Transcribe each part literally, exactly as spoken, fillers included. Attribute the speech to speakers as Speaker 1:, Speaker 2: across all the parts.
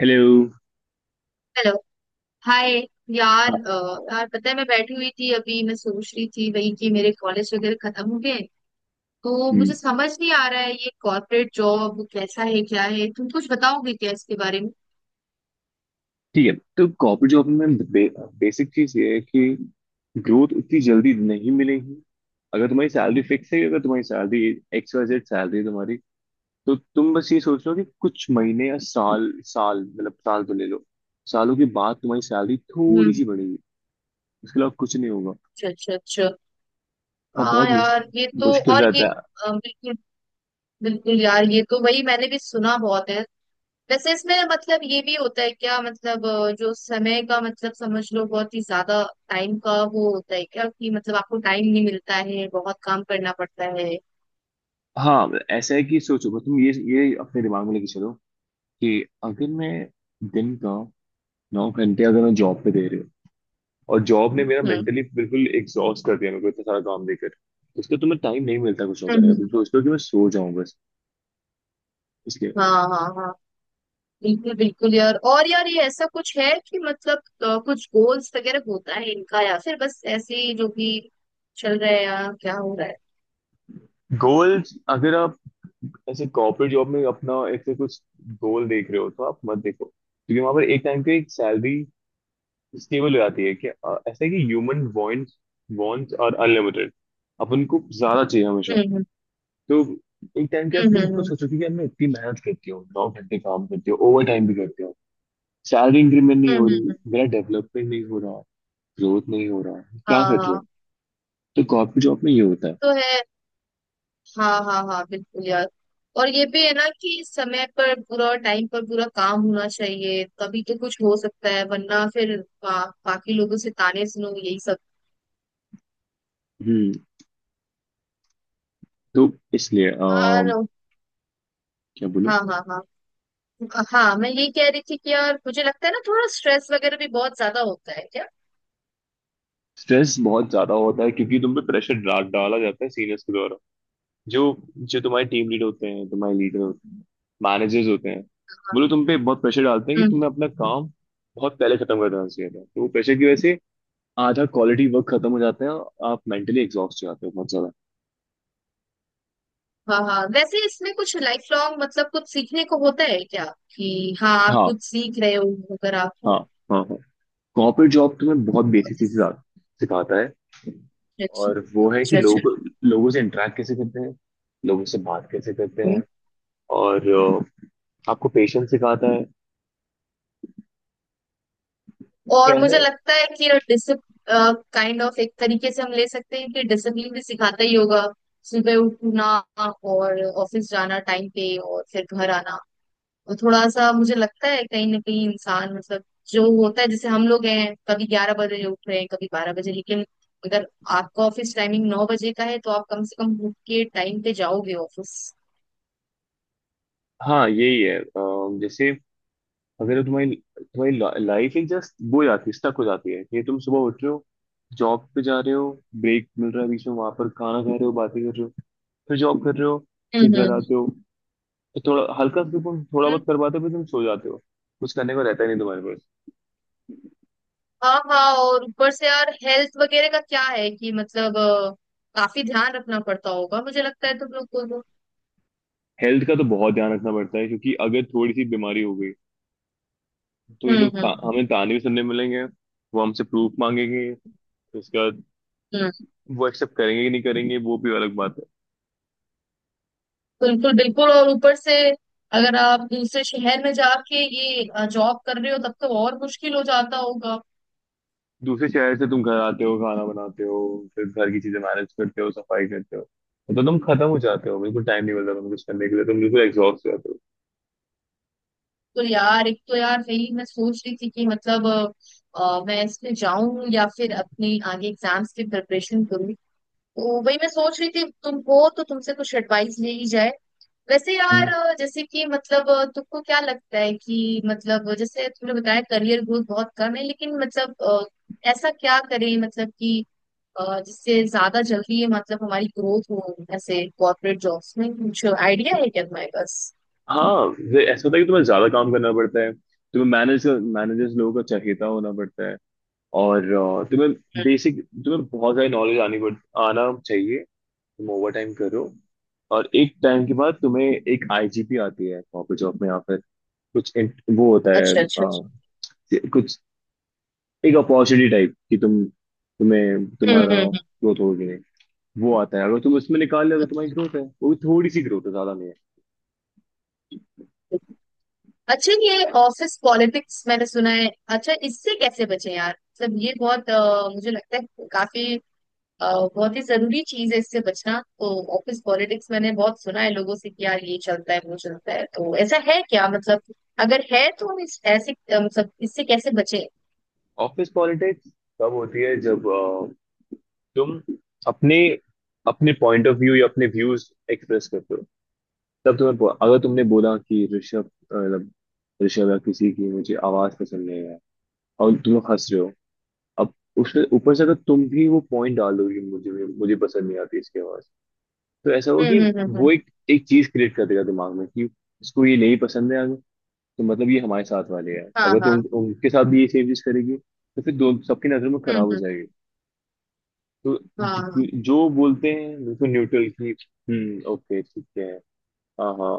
Speaker 1: Hello.
Speaker 2: Hello. Hi. यार
Speaker 1: हाँ।
Speaker 2: अ, यार पता है, मैं बैठी हुई थी अभी, मैं सोच रही थी वही कि मेरे कॉलेज वगैरह खत्म हो गए। तो
Speaker 1: हम्म,
Speaker 2: मुझे समझ नहीं आ रहा है ये कॉर्पोरेट जॉब कैसा है, क्या है? तुम कुछ बताओगे क्या इसके बारे में?
Speaker 1: ठीक है। तो कॉर्पोरेट जॉब में बे, बेसिक चीज ये है कि ग्रोथ उतनी जल्दी नहीं मिलेगी। अगर तुम्हारी सैलरी फिक्स है, अगर तुम्हारी salary X Y Z salary है तुम्हारी, तो तुम बस ये सोच लो कि कुछ महीने या साल साल मतलब साल तो ले लो। सालों के बाद तुम्हारी सैलरी थोड़ी
Speaker 2: हम्म।
Speaker 1: सी बढ़ेगी। उसके अलावा कुछ नहीं होगा।
Speaker 2: अच्छा अच्छा अच्छा।
Speaker 1: और
Speaker 2: हाँ
Speaker 1: बहुत मुश-
Speaker 2: यार, ये तो,
Speaker 1: मुश्किल
Speaker 2: और ये
Speaker 1: रहता है।
Speaker 2: अ, बिल्कुल। बिल्कुल यार, ये तो वही मैंने भी सुना बहुत है। वैसे इसमें मतलब ये भी होता है क्या, मतलब अ, जो समय का मतलब समझ लो बहुत ही ज्यादा टाइम का वो होता है क्या कि मतलब आपको टाइम नहीं मिलता है, बहुत काम करना पड़ता है?
Speaker 1: हाँ, ऐसा है कि सोचो बस तुम ये ये अपने दिमाग में लेके चलो कि अगर मैं दिन का नौ घंटे अगर मैं जॉब पे दे रही हूँ, और जॉब ने मेरा
Speaker 2: हम्म।
Speaker 1: मेंटली बिल्कुल एग्जॉस्ट कर दिया मेरे को इतना सारा काम देकर। इसलिए तो मैं टाइम नहीं मिलता कुछ और
Speaker 2: हम्म,
Speaker 1: करने
Speaker 2: हम्म,
Speaker 1: का, तुम
Speaker 2: हम्म।
Speaker 1: सोचते हो कि मैं सो जाऊं बस। इसलिए
Speaker 2: हाँ हाँ हाँ, बिल्कुल बिल्कुल यार। और यार ये ऐसा कुछ है कि मतलब अ, कुछ गोल्स वगैरह होता है इनका, या फिर बस ऐसे ही जो भी चल रहा है, या क्या हो रहा है?
Speaker 1: गोल्स अगर आप ऐसे कॉर्पोरेट जॉब में अपना ऐसे कुछ गोल देख रहे हो, तो आप मत देखो क्योंकि वहां पर एक टाइम पे एक सैलरी स्टेबल हो जाती है। कि अ, ऐसा है कि human wants wants are unlimited. अपन को ज्यादा चाहिए हमेशा।
Speaker 2: हम्म
Speaker 1: तो एक टाइम के आप
Speaker 2: हम्म
Speaker 1: तुम
Speaker 2: हम्म
Speaker 1: खुद
Speaker 2: हम्म।
Speaker 1: सोचो कि यार मैं इतनी मेहनत करती हूँ, नौ घंटे काम करती हूँ, ओवर टाइम भी करती हूँ। सैलरी इंक्रीमेंट नहीं
Speaker 2: हम्म,
Speaker 1: हो
Speaker 2: हम्म, हम्म,
Speaker 1: रही,
Speaker 2: हम्म।
Speaker 1: मेरा डेवलपमेंट नहीं हो रहा, ग्रोथ नहीं हो रहा,
Speaker 2: हाँ
Speaker 1: क्या
Speaker 2: हाँ
Speaker 1: कर रहे
Speaker 2: हाँ।
Speaker 1: हो। तो कॉर्पोरेट जॉब में ये होता है।
Speaker 2: तो है। हाँ हाँ हाँ बिल्कुल यार। और ये भी है ना कि समय पर पूरा, टाइम पर पूरा काम होना चाहिए तभी तो कुछ हो सकता है, वरना फिर बा, बाकी लोगों से ताने सुनो यही सब।
Speaker 1: हम्म। तो इसलिए
Speaker 2: हाँ
Speaker 1: अम, क्या बोलूं।
Speaker 2: हाँ हाँ। हाँ हाँ, मैं ये कह रही थी कि यार मुझे लगता है ना, थोड़ा स्ट्रेस वगैरह भी बहुत ज्यादा होता है क्या?
Speaker 1: स्ट्रेस बहुत ज्यादा होता है क्योंकि तुम पे प्रेशर डाल डाला जाता है सीनियर्स के द्वारा। जो जो तुम्हारे टीम लीड होते हैं, तुम्हारे लीडर होते हैं, मैनेजर्स होते हैं। वो लोग तुम पे बहुत प्रेशर डालते हैं कि
Speaker 2: हम्म।
Speaker 1: तुम्हें अपना काम बहुत पहले खत्म कर देना चाहिए था। तो वो प्रेशर की वजह से आधा क्वालिटी वर्क खत्म हो जाता है, और आप मेंटली एग्जॉस्ट हो जाते हो बहुत ज्यादा।
Speaker 2: हाँ हाँ, वैसे इसमें कुछ लाइफ लॉन्ग, मतलब कुछ सीखने को होता है क्या कि हाँ आप
Speaker 1: हाँ,
Speaker 2: कुछ सीख रहे हो, अगर
Speaker 1: हाँ,
Speaker 2: आप?
Speaker 1: हाँ, हाँ। कॉर्पोरेट जॉब तुम्हें बहुत बेसिक चीजें सिखाता है,
Speaker 2: अच्छा
Speaker 1: और वो है कि
Speaker 2: अच्छा अच्छा।
Speaker 1: लोग लोगों से इंटरेक्ट कैसे करते हैं, लोगों से बात कैसे करते
Speaker 2: हम्म।
Speaker 1: हैं। और अ, आपको पेशेंस सिखाता है। तो
Speaker 2: और
Speaker 1: ऐसा
Speaker 2: मुझे
Speaker 1: है।
Speaker 2: लगता है कि डिसिप काइंड ऑफ एक तरीके से हम ले सकते हैं कि डिसिप्लिन भी सिखाता ही होगा। सुबह उठना, और ऑफिस जाना टाइम पे, और फिर घर आना। और थोड़ा सा मुझे लगता है कहीं ना कहीं इंसान मतलब, जो होता है जैसे हम लोग हैं कभी ग्यारह बजे उठ रहे हैं कभी बारह बजे, लेकिन अगर आपका ऑफिस टाइमिंग नौ बजे का है तो आप कम से कम उठ के टाइम पे जाओगे ऑफिस।
Speaker 1: हाँ, यही है। अ, जैसे अगर तुम्हारी तुम्हारी लाइफ ही जस्ट वो हो जाती है, स्टक हो जाती है, ये तुम सुबह उठ रहे हो, जॉब पे जा रहे हो, ब्रेक मिल रहा है बीच में, वहां पर खाना खा रहे हो, बातें कर रहे हो, फिर जॉब कर रहे हो, फिर
Speaker 2: हम्म
Speaker 1: घर
Speaker 2: हम्म,
Speaker 1: आते हो। तो थोड़ा हल्का सा तुम थोड़ा बहुत कर
Speaker 2: हम्म।
Speaker 1: पाते हो, फिर तुम सो जाते हो। कुछ करने को रहता ही नहीं तुम्हारे पास।
Speaker 2: हाँ हाँ, और ऊपर से यार हेल्थ वगैरह का क्या है कि मतलब अ, काफी ध्यान रखना पड़ता होगा, मुझे लगता है तुम लोग को तो।
Speaker 1: हेल्थ का तो बहुत ध्यान रखना पड़ता है, क्योंकि अगर थोड़ी सी बीमारी हो गई तो ये
Speaker 2: हम्म,
Speaker 1: लोग
Speaker 2: हम्म,
Speaker 1: ता,
Speaker 2: हम्म,
Speaker 1: हमें ताने भी सुनने मिलेंगे, वो हमसे प्रूफ मांगेंगे। तो उसके बाद
Speaker 2: हम्म।
Speaker 1: वो एक्सेप्ट करेंगे कि नहीं करेंगे वो भी अलग बात है।
Speaker 2: बिल्कुल बिल्कुल। और ऊपर से अगर आप दूसरे शहर में जाके ये जॉब कर रहे हो तब तो और मुश्किल हो जाता होगा।
Speaker 1: दूसरे शहर से तुम घर आते हो, खाना बनाते हो, फिर घर की चीजें मैनेज करते हो, सफाई करते हो। मतलब तुम खत्म हो जाते हो बिल्कुल, टाइम नहीं मिलता तुम कुछ करने के लिए, तुम बिल्कुल एग्जॉस्ट हो जाते हो।
Speaker 2: तो यार एक तो यार वही मैं सोच रही थी कि मतलब अ, अ, मैं इसमें जाऊं या फिर अपनी आगे एग्जाम्स की प्रिपरेशन करूं। तो वही मैं सोच रही थी, तुम हो तो तुमसे कुछ एडवाइस ले ही जाए। वैसे यार
Speaker 1: हम्म।
Speaker 2: अ, जैसे कि मतलब अ, तुमको क्या लगता है कि मतलब जैसे तुमने बताया करियर ग्रोथ बहुत कम है, लेकिन मतलब अ, ऐसा क्या करें मतलब कि अ, जिससे ज्यादा जल्दी मतलब हमारी ग्रोथ हो ऐसे कॉर्पोरेट जॉब्स में? कुछ आइडिया है क्या तुम्हारे पास?
Speaker 1: हाँ। वे- ऐसा होता है कि तुम्हें ज्यादा काम करना पड़ता है। तुम्हें मैनेज मैनेजर्स लोगों का चहेता होना पड़ता है। और अ, तुम्हें
Speaker 2: हम्म।
Speaker 1: बेसिक तुम्हें बहुत सारी नॉलेज आनी पड़ आना चाहिए। तुम ओवर टाइम करो, और एक टाइम के बाद तुम्हें एक आईजीपी आती है कॉर्पोरेट जॉब में, या फिर कुछ int- वो होता है,
Speaker 2: अच्छा अच्छा
Speaker 1: अ,
Speaker 2: अच्छा।
Speaker 1: कुछ एक अपॉर्चुनिटी टाइप कि तुम तुम्हें
Speaker 2: हम्म
Speaker 1: तुम्हारा
Speaker 2: हम्म हम्म।
Speaker 1: ग्रोथ होगी नहीं। वो आता है, अगर तुम उसमें निकाल लिया तो तुम्हारी ग्रोथ है, वो भी थोड़ी सी ग्रोथ है, ज्यादा नहीं है।
Speaker 2: अच्छा, ये ऑफिस पॉलिटिक्स मैंने सुना है। अच्छा, इससे कैसे बचे यार, मतलब ये बहुत अ, मुझे लगता है काफी अ, बहुत ही जरूरी चीज है इससे बचना तो। ऑफिस पॉलिटिक्स मैंने बहुत सुना है लोगों से, कि यार ये चलता है वो चलता है। तो ऐसा है क्या मतलब, अगर है तो हम इस ऐसे अ, मतलब इससे कैसे बचे?
Speaker 1: ऑफिस पॉलिटिक्स तब होती है जब अ, तुम अपने अपने पॉइंट ऑफ व्यू या अपने व्यूज एक्सप्रेस करते हो। तब तुम्हें बो- अगर तुमने बोला कि ऋषभ अ, मतलब ऋषभ या किसी की मुझे आवाज पसंद नहीं है, और तुम लोग हंस रहे हो। अब उसमें ऊपर से अगर तुम भी वो पॉइंट डालोगे, मुझे भी मुझे पसंद नहीं आती इसकी आवाज, तो ऐसा
Speaker 2: हम्म
Speaker 1: होगा
Speaker 2: हम्म
Speaker 1: कि
Speaker 2: हम्म
Speaker 1: वो
Speaker 2: हम्म,
Speaker 1: एक एक चीज क्रिएट कर देगा दिमाग में कि इसको ये नहीं पसंद है। अगर तो मतलब ये हमारे साथ वाले है,
Speaker 2: हाँ
Speaker 1: अगर तुम
Speaker 2: हाँ।
Speaker 1: उनके साथ भी ये सेम चीज करेगी तो फिर दो सबकी नजर में
Speaker 2: हम्म
Speaker 1: खराब हो
Speaker 2: हम्म।
Speaker 1: जाएगी। तो
Speaker 2: हाँ हाँ।
Speaker 1: जो जो बोलते हैं बिल्कुल न्यूट्रल की, हम्म, ओके, ठीक है। हाँ, हाँ।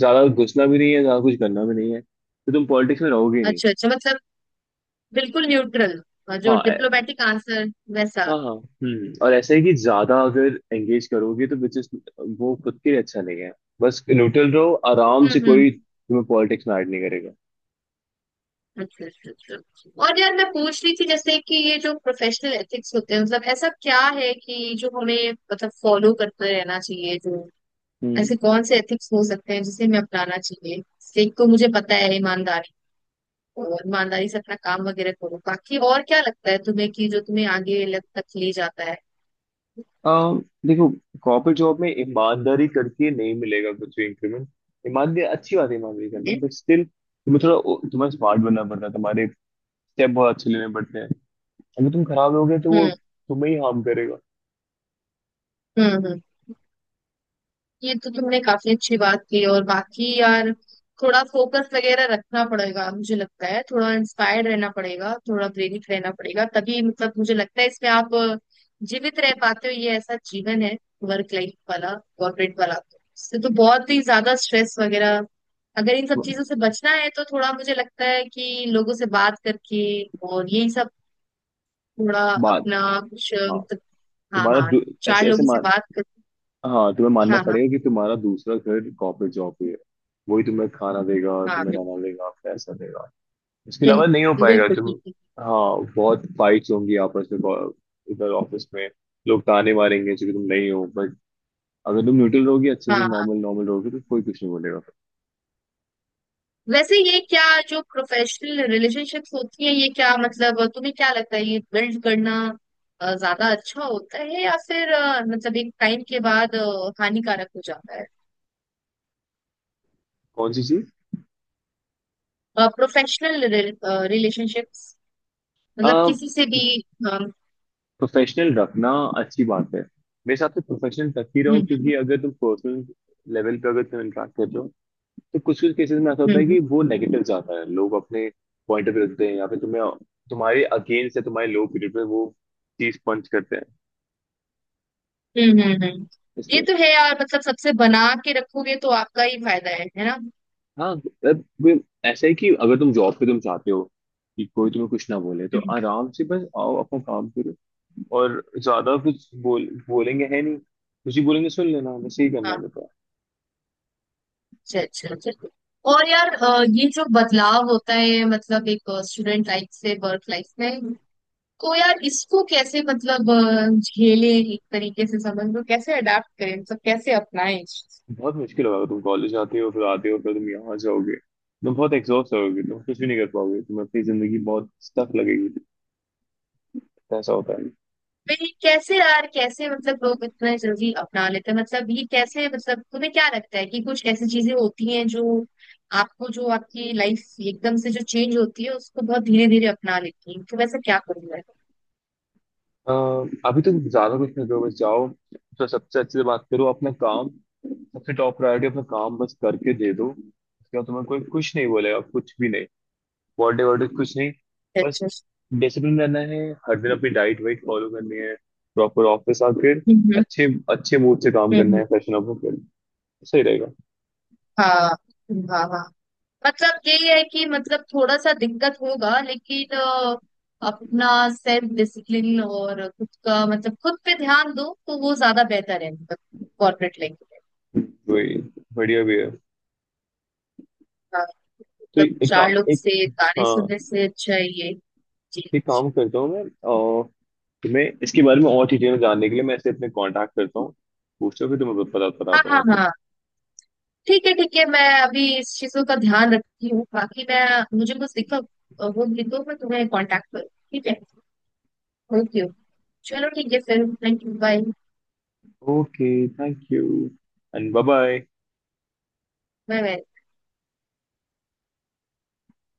Speaker 1: ज्यादा घुसना भी नहीं है, ज्यादा कुछ करना भी नहीं है, तो तुम पॉलिटिक्स में रहोगे ही नहीं।
Speaker 2: अच्छा अच्छा, मतलब बिल्कुल न्यूट्रल, जो
Speaker 1: हाँ। ए-
Speaker 2: डिप्लोमेटिक आंसर वैसा।
Speaker 1: हाँ, हाँ, हम्म। और ऐसा है कि ज्यादा अगर एंगेज करोगे तो which is वो खुद के लिए अच्छा नहीं है। बस न्यूट्रल रहो, आराम
Speaker 2: हम्म
Speaker 1: से,
Speaker 2: हम्म।
Speaker 1: कोई तुम्हें पॉलिटिक्स में ऐड नहीं करेगा।
Speaker 2: अच्छा अच्छा अच्छा। और यार मैं पूछ रही थी जैसे कि ये जो प्रोफेशनल एथिक्स होते हैं, मतलब ऐसा क्या है कि जो हमें मतलब फॉलो करते रहना चाहिए, जो
Speaker 1: हम्म।
Speaker 2: ऐसे कौन से एथिक्स हो सकते हैं जिसे हमें अपनाना चाहिए? जैसे एक तो मुझे पता है ईमानदारी, और ईमानदारी से अपना काम वगैरह करो, बाकी और क्या लगता है तुम्हें कि जो तुम्हें आगे लग तक ले जाता है?
Speaker 1: अम, देखो, कॉर्पोरेट जॉब में ईमानदारी करके नहीं मिलेगा कुछ भी इंक्रीमेंट। ईमानदारी अच्छी बात है, ईमानदारी करना,
Speaker 2: हम्म
Speaker 1: बट स्टिल तुम्हें थोड़ा, तुम्हें स्मार्ट बनना पड़ता है। तुम्हारे स्टेप बहुत अच्छे लेने पड़ते हैं। अगर तुम खराब होगे तो वो
Speaker 2: हम्म
Speaker 1: तुम्हें ही हार्म करेगा।
Speaker 2: हम्म। ये तो तुमने काफी अच्छी बात की। और बाकी यार, थोड़ा फोकस वगैरह रखना पड़ेगा मुझे लगता है, थोड़ा इंस्पायर्ड रहना पड़ेगा, थोड़ा प्रेरित रहना पड़ेगा, तभी मतलब मुझे लगता है इसमें आप जीवित रह पाते हो। ये ऐसा जीवन है वर्क लाइफ वाला, कॉर्पोरेट वाला। इससे तो बहुत ही ज्यादा स्ट्रेस वगैरह, अगर इन सब चीजों से बचना है तो थोड़ा मुझे लगता है कि लोगों से बात करके और यही सब थोड़ा
Speaker 1: बात।
Speaker 2: अपना कुछ
Speaker 1: हाँ।
Speaker 2: मतलब। हाँ
Speaker 1: तुम्हारा
Speaker 2: हाँ,
Speaker 1: दू-
Speaker 2: चार
Speaker 1: ऐसे ऐसे
Speaker 2: लोगों से
Speaker 1: मान।
Speaker 2: बात करके।
Speaker 1: हाँ, तुम्हें मानना
Speaker 2: हाँ हाँ
Speaker 1: पड़ेगा कि तुम्हारा दूसरा घर कॉर्पोरेट जॉब पे है। वही तुम्हें खाना देगा,
Speaker 2: हाँ।
Speaker 1: तुम्हें रहना देगा, पैसा देगा। इसके अलावा नहीं हो
Speaker 2: बिल्कुल
Speaker 1: पाएगा
Speaker 2: बिल्कुल
Speaker 1: तुम।
Speaker 2: बिल्कुल।
Speaker 1: हाँ, बहुत फाइट्स होंगी आपस में, बहुत- इधर ऑफिस में लोग ताने मारेंगे क्योंकि तुम नहीं हो, बट अगर तुम न्यूट्रल रहोगी, अच्छे
Speaker 2: हाँ
Speaker 1: से
Speaker 2: हाँ।
Speaker 1: नॉर्मल नॉर्मल रहोगी, तो कोई कुछ नहीं बोलेगा।
Speaker 2: वैसे ये क्या, जो प्रोफेशनल रिलेशनशिप्स होती है ये क्या, मतलब तुम्हें क्या लगता है ये बिल्ड करना अ, ज्यादा अच्छा होता है, या फिर अ, मतलब एक टाइम के बाद अ, हानिकारक हो जाता है?
Speaker 1: कौन सी चीज?
Speaker 2: प्रोफेशनल रिलेशनशिप्स, मतलब किसी से भी। अ,
Speaker 1: प्रोफेशनल रखना अच्छी बात है, मेरे हिसाब से प्रोफेशनल रख ही रहो।
Speaker 2: हम्म
Speaker 1: क्योंकि अगर तुम पर्सनल लेवल पे अगर तुम इंटरेक्ट कर रहे हो, तो कुछ कुछ केसेस में ऐसा होता
Speaker 2: हम्म
Speaker 1: है
Speaker 2: हम्म
Speaker 1: कि वो नेगेटिव जाता है, लोग अपने पॉइंट ऑफ व्यू रखते हैं, या फिर तुम्हें तुम्हारे अगेंस्ट या तुम्हारे लो पीरियड में वो चीज पंच करते हैं।
Speaker 2: हम्म। हम्म, हम्म। हम्म। ये
Speaker 1: इसलिए।
Speaker 2: तो है यार, मतलब सबसे बना के रखोगे तो आपका ही फायदा है है ना?
Speaker 1: हाँ, मतलब वो ऐसा है कि अगर तुम जॉब पे तुम चाहते हो कि कोई तुम्हें कुछ ना बोले, तो
Speaker 2: हम्म।
Speaker 1: आराम से बस आओ, अपना काम करो। और ज्यादा कुछ बोल बोलेंगे है नहीं, कुछ ही बोलेंगे, सुन लेना, बस यही करना
Speaker 2: हाँ।
Speaker 1: रहता है।
Speaker 2: अच्छा अच्छा अच्छा। और यार अ, ये जो बदलाव होता है मतलब एक स्टूडेंट लाइफ से वर्क लाइफ में, तो यार इसको कैसे मतलब अ, झेले, एक तरीके से समझ लो कैसे अडाप्ट करें, मतलब कैसे अपनाएं इस चीज़ को?
Speaker 1: बहुत मुश्किल होगा। तुम कॉलेज आते हो फिर आते हो फिर तुम यहाँ जाओगे, तुम बहुत एग्जॉस्ट होगे, तुम कुछ भी नहीं कर पाओगे, तुम्हें अपनी जिंदगी बहुत स्टफ लगेगी। ऐसा होता है।
Speaker 2: भाई कैसे यार कैसे, मतलब लोग इतना जल्दी अपना लेते हैं मतलब ये कैसे, मतलब तुम्हें क्या लगता है कि कुछ ऐसी चीजें होती हैं जो आपको, जो आपकी लाइफ एकदम से जो चेंज होती है उसको बहुत धीरे धीरे अपना लेती है? तो वैसे क्या करूंगा? अच्छा
Speaker 1: अ, अभी तो ज्यादा कुछ नहीं करो, बस जाओ। तो सबसे अच्छे से बात करो, अपना काम, सबसे टॉप प्रायोरिटी अपना काम बस करके दे दो, उसके बाद तुम्हें कोई कुछ नहीं बोलेगा, कुछ भी नहीं, बर्थडे वर्डे कुछ नहीं। बस
Speaker 2: अच्छा।
Speaker 1: डिसिप्लिन रहना है। हर दिन अपनी डाइट वाइट फॉलो करनी है, प्रॉपर ऑफिस आकर
Speaker 2: हम्म हम्म
Speaker 1: अच्छे अच्छे मूड से काम करना
Speaker 2: हम्म,
Speaker 1: है, फैशन अप होकर। सही रहेगा।
Speaker 2: हाँ हाँ हाँ। मतलब ये है कि मतलब थोड़ा सा दिक्कत होगा, लेकिन अ, अपना सेल्फ डिसिप्लिन और खुद का मतलब खुद पे ध्यान दो तो वो ज्यादा बेहतर है, मतलब कॉर्पोरेट लाइफ में।
Speaker 1: वही बढ़िया भी है।
Speaker 2: हाँ।
Speaker 1: तो
Speaker 2: मतलब
Speaker 1: एक एक,
Speaker 2: चार लोग
Speaker 1: काम- एक।
Speaker 2: से गाने
Speaker 1: हाँ,
Speaker 2: सुनने से अच्छा है ये। जी।
Speaker 1: एक काम करता हूँ मैं। तुम्हें इसके बारे में और डिटेल जानने के लिए मैं इसे अपने कांटेक्ट करता हूँ, पूछता हूँ, फिर तुम्हें बता
Speaker 2: हाँ
Speaker 1: बताता हूँ।
Speaker 2: हाँ
Speaker 1: ओके।
Speaker 2: हाँ। ठीक है ठीक है, मैं अभी इस चीजों का ध्यान रखती हूँ, बाकी मैं मुझे कुछ दिक्कत अ, होगी तो मैं तुम्हें कांटेक्ट करूँ, ठीक है? ओके। चलो ठीक है, फिर thank you. Bye
Speaker 1: okay. Thank you and bye bye.
Speaker 2: Bye bye.